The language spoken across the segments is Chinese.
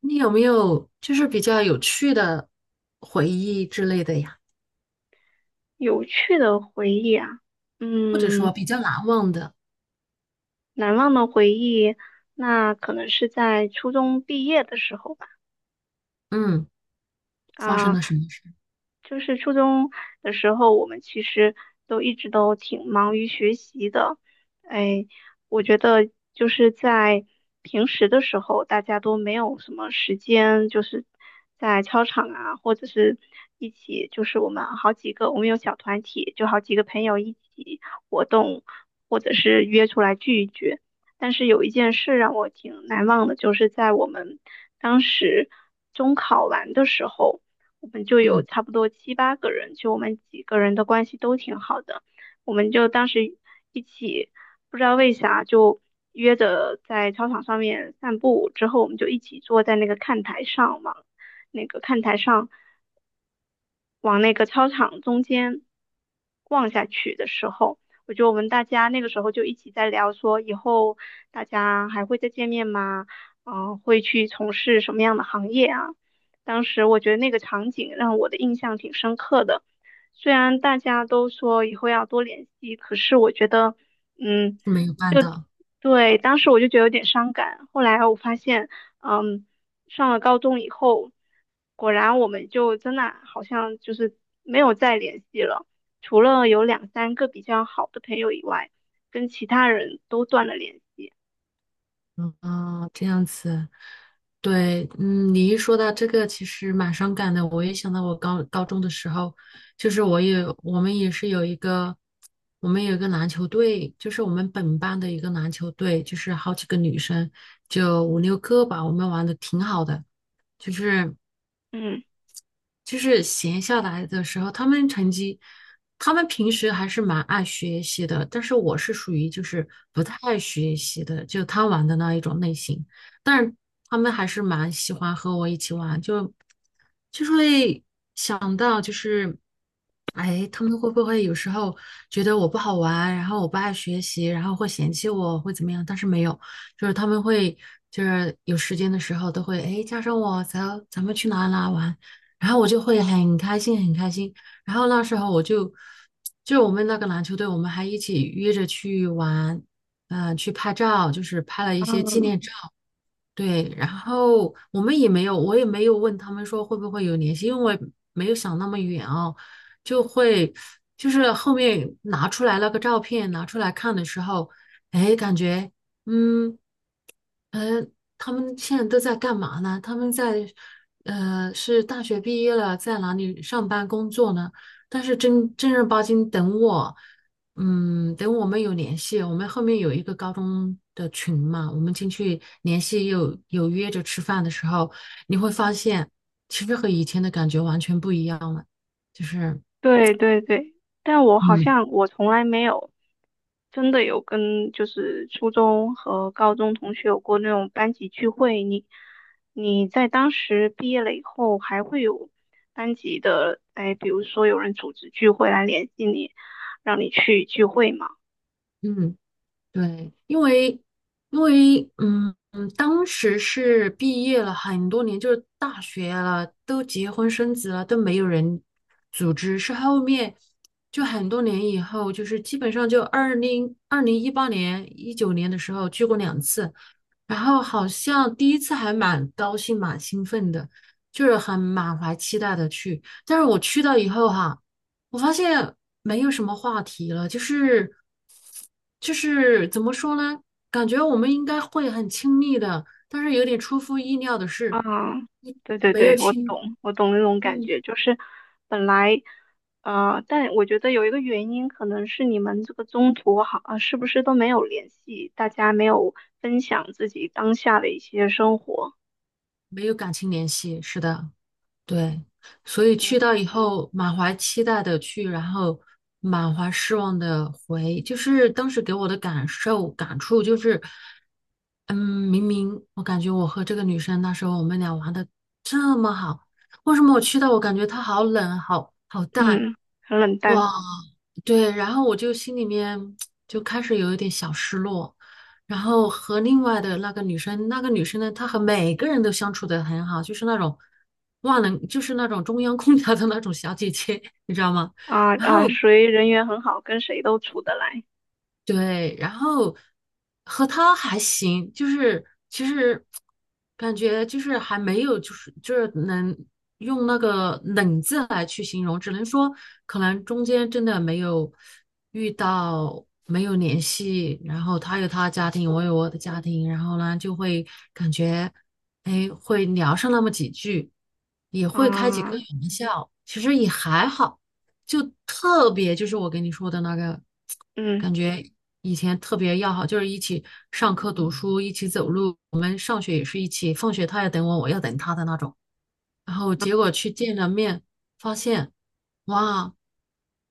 你有没有就是比较有趣的回忆之类的呀？有趣的回忆啊，或者嗯，说比较难忘的，难忘的回忆，那可能是在初中毕业的时候吧。嗯，发生啊，了什么事？就是初中的时候，我们其实一直都挺忙于学习的。哎，我觉得就是在平时的时候，大家都没有什么时间，就是在操场啊，或者是一起，就是我们好几个，我们有小团体，就好几个朋友一起活动，或者是约出来聚一聚。但是有一件事让我挺难忘的，就是在我们当时中考完的时候。我们就有嗯，差不多七八个人，就我们几个人的关系都挺好的，我们就当时一起不知道为啥就约着在操场上面散步，之后我们就一起坐在那个看台上嘛。那个看台上往那个操场中间望下去的时候，我觉得我们大家，那个时候就一起在聊说，以后大家还会再见面吗？嗯、会去从事什么样的行业啊？当时我觉得那个场景让我的印象挺深刻的。虽然大家都说以后要多联系，可是我觉得，嗯，没有办就到，对，当时我就觉得有点伤感。后来我发现，嗯，上了高中以后，果然我们就真的好像就是没有再联系了，除了有两三个比较好的朋友以外，跟其他人都断了联系。嗯。啊，这样子。对，嗯，你一说到这个，其实蛮伤感的。我也想到我高中的时候，就是我们也是有一个，我们有一个篮球队，就是我们本班的一个篮球队，就是好几个女生，就五六个吧，我们玩的挺好的，就是。嗯。就是闲下来的时候，他们平时还是蛮爱学习的，但是我是属于就是不太爱学习的，就贪玩的那一种类型。但是他们还是蛮喜欢和我一起玩，就是会想到就是，哎，他们会不会有时候觉得我不好玩，然后我不爱学习，然后会嫌弃我，会怎么样？但是没有，就是他们会就是有时间的时候都会，哎，叫上我，走，咱们去哪哪玩。然后我就会很开心，很开心。然后那时候就是我们那个篮球队，我们还一起约着去玩，去拍照，就是拍了一些纪嗯，念照。对，然后我们也没有，我也没有问他们说会不会有联系，因为我也没有想那么远哦，就会就是后面拿出来那个照片拿出来看的时候，哎，感觉嗯。嗯，他们现在都在干嘛呢？他们在，是大学毕业了，在哪里上班工作呢？但是正儿八经等我们有联系，我们后面有一个高中的群嘛，我们进去联系有约着吃饭的时候，你会发现，其实和以前的感觉完全不一样了，就是，对对对，但我好嗯像从来没有真的有跟就是初中和高中同学有过那种班级聚会。你在当时毕业了以后，还会有班级的，哎，比如说有人组织聚会来联系你，让你去聚会吗？嗯。对，因为当时是毕业了很多年，就是大学了，都结婚生子了，都没有人组织。是后面就很多年以后，就是基本上就2018年、19年的时候去过两次，然后好像第一次还蛮高兴、蛮兴奋的，就是很满怀期待的去。但是我去到以后哈。我发现没有什么话题了，就是怎么说呢？感觉我们应该会很亲密的，但是有点出乎意料的啊，是，嗯对对没有对，我亲，懂，我懂那种感嗯，觉，就是本来，但我觉得有一个原因，可能是你们这个中途好，啊，是不是都没有联系，大家没有分享自己当下的一些生活，没有感情联系。是的。对，所以去嗯到以后，满怀期待的去，然后满怀失望的回，就是当时给我的感受感触就是，嗯，明明我感觉我和这个女生那时候我们俩玩的这么好，为什么我去到我感觉她好冷，好淡，嗯，很冷淡。哇。对，然后我就心里面就开始有一点小失落，然后和另外的那个女生，那个女生呢，她和每个人都相处得很好，就是那种万能，就是那种中央空调的那种小姐姐，你知道吗？啊然啊，后属于人缘很好，跟谁都处得来。对，然后和他还行，就是其实感觉就是还没有，就是能用那个冷字来去形容，只能说可能中间真的没有遇到，没有联系，然后他有他的家庭，我有我的家庭，然后呢就会感觉，哎，会聊上那么几句，也会开几个啊，玩笑，其实也还好。就特别就是我跟你说的那个。嗯，感觉以前特别要好，就是一起上课读书，一起走路。我们上学也是一起，放学他要等我，我要等他的那种。然后结果去见了面，发现，哇，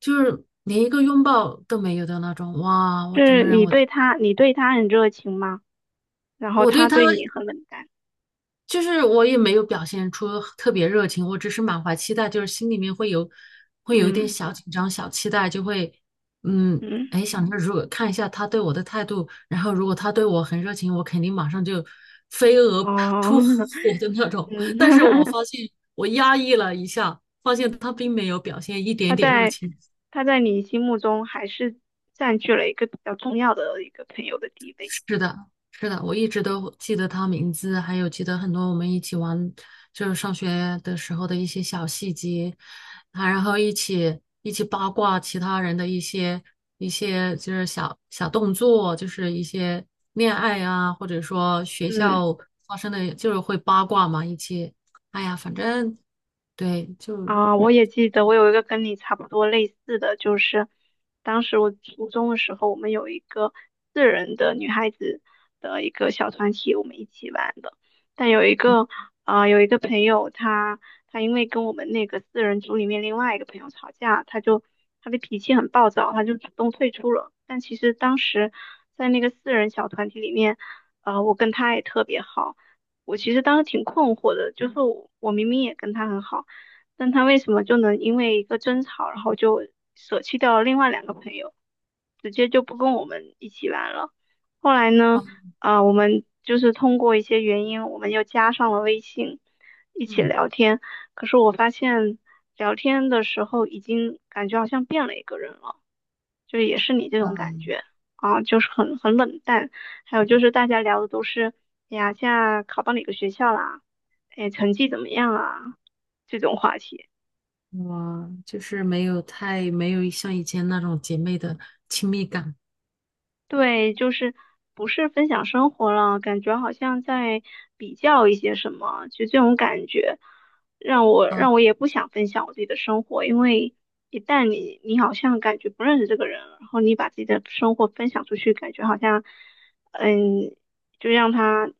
就是连一个拥抱都没有的那种。哇，我整是个人你我对他，你对他很热情吗？然后我对他他对你很冷淡，就是我也没有表现出特别热情，我只是满怀期待，就是心里面会有一点嗯小紧张、小期待，就会嗯，嗯，哎，想着如果看一下他对我的态度，然后如果他对我很热情，我肯定马上就飞蛾扑扑哦，火的那 种。但是我嗯。发现我压抑了一下，发现他并没有表现一他点点热在情。他在你心目中还是占据了一个比较重要的一个朋友的地位。是的，是的，我一直都记得他名字，还有记得很多我们一起玩，就是上学的时候的一些小细节，啊，然后一起八卦其他人的一些就是小动作，就是一些恋爱啊，或者说学嗯。校发生的，就是会八卦嘛，一起，哎呀，反正对，就啊，我也记得，我有一个跟你差不多类似的，就是当时我初中的时候，我们有一个四人的女孩子的一个小团体，我们一起玩的。但有一个啊、有一个朋友他，因为跟我们那个四人组里面另外一个朋友吵架，他的脾气很暴躁，他就主动退出了。但其实当时在那个四人小团体里面，我跟他也特别好。我其实当时挺困惑的，就是我明明也跟他很好。但他为什么就能因为一个争吵，然后就舍弃掉了另外两个朋友，直接就不跟我们一起玩了？后来呢，啊，啊、我们就是通过一些原因，我们又加上了微信，一起嗯，聊天。可是我发现聊天的时候，已经感觉好像变了一个人了，就也是你这种感觉啊，就是很冷淡。还有就是大家聊的都是，哎呀，现在考到哪个学校啦？哎，成绩怎么样啊？这种话题。我就是没有像以前那种姐妹的亲密感。对，就是不是分享生活了，感觉好像在比较一些什么，就这种感觉，嗯。让我也不想分享我自己的生活，因为一旦你好像感觉不认识这个人了然后你把自己的生活分享出去，感觉好像，嗯，就让他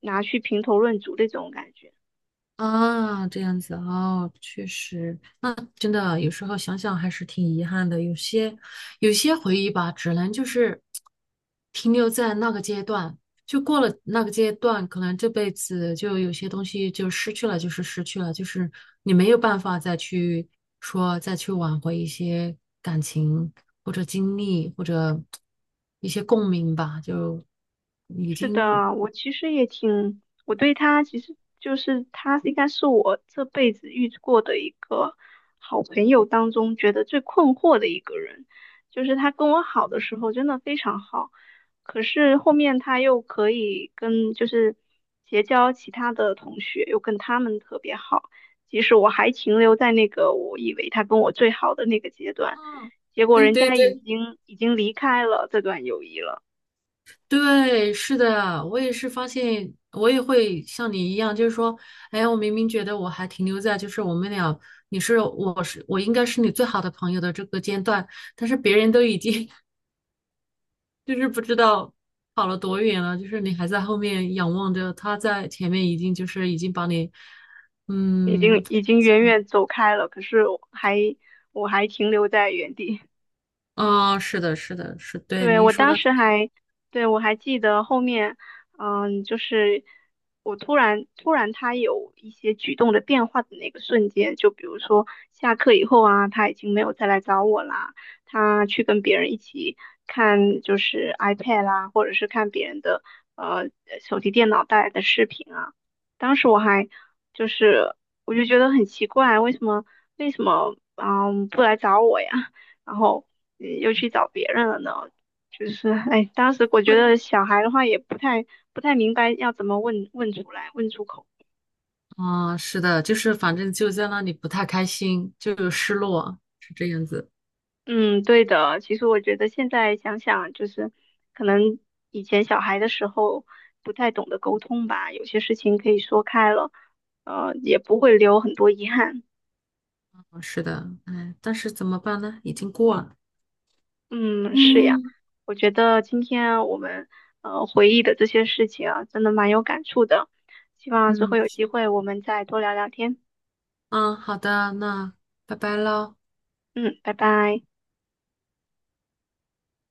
拿去评头论足的这种感觉。啊，这样子哦，确实，真的有时候想想还是挺遗憾的。有些回忆吧，只能就是停留在那个阶段，就过了那个阶段，可能这辈子就有些东西就失去了，就是失去了，就是你没有办法再去说再去挽回一些感情或者经历或者一些共鸣吧，就已是经。的，我其实也挺，我对他其实就是他应该是我这辈子遇过的一个好朋友当中觉得最困惑的一个人，就是他跟我好的时候真的非常好，可是后面他又可以跟就是结交其他的同学，又跟他们特别好，即使我还停留在那个我以为他跟我最好的那个阶段，嗯。结果对人对家已对，经已经离开了这段友谊了。对，是的，我也是发现，我也会像你一样，就是说，哎，我明明觉得我还停留在就是我们俩，你是我是我应该是你最好的朋友的这个阶段，但是别人都已经 就是不知道跑了多远了，就是你还在后面仰望着，他在前面已经把你，已嗯。经已经远远走开了，可是我还停留在原地。啊、是的，是的，是对对，你一我说当到，时还，对，我还记得后面，嗯，就是我突然突然他有一些举动的变化的那个瞬间，就比如说下课以后啊，他已经没有再来找我啦，他去跟别人一起看就是 iPad 啦，或者是看别人的呃手提电脑带来的视频啊，当时我还就是我就觉得很奇怪，为什么不来找我呀？然后又去找别人了呢？就是 哎，当时我觉得对。小孩的话也不太明白要怎么问出来，问出口。啊、是的，就是反正就在那里不太开心，就有失落，是这样子。嗯，对的。其实我觉得现在想想，就是可能以前小孩的时候不太懂得沟通吧，有些事情可以说开了，也不会留很多遗憾。是的，嗯，但是怎么办呢？已经过了。嗯，是呀。嗯。我觉得今天我们回忆的这些事情啊，真的蛮有感触的。希望之嗯后嗯有机会我们再多聊聊天。嗯，好的，那拜拜喽。嗯，拜拜。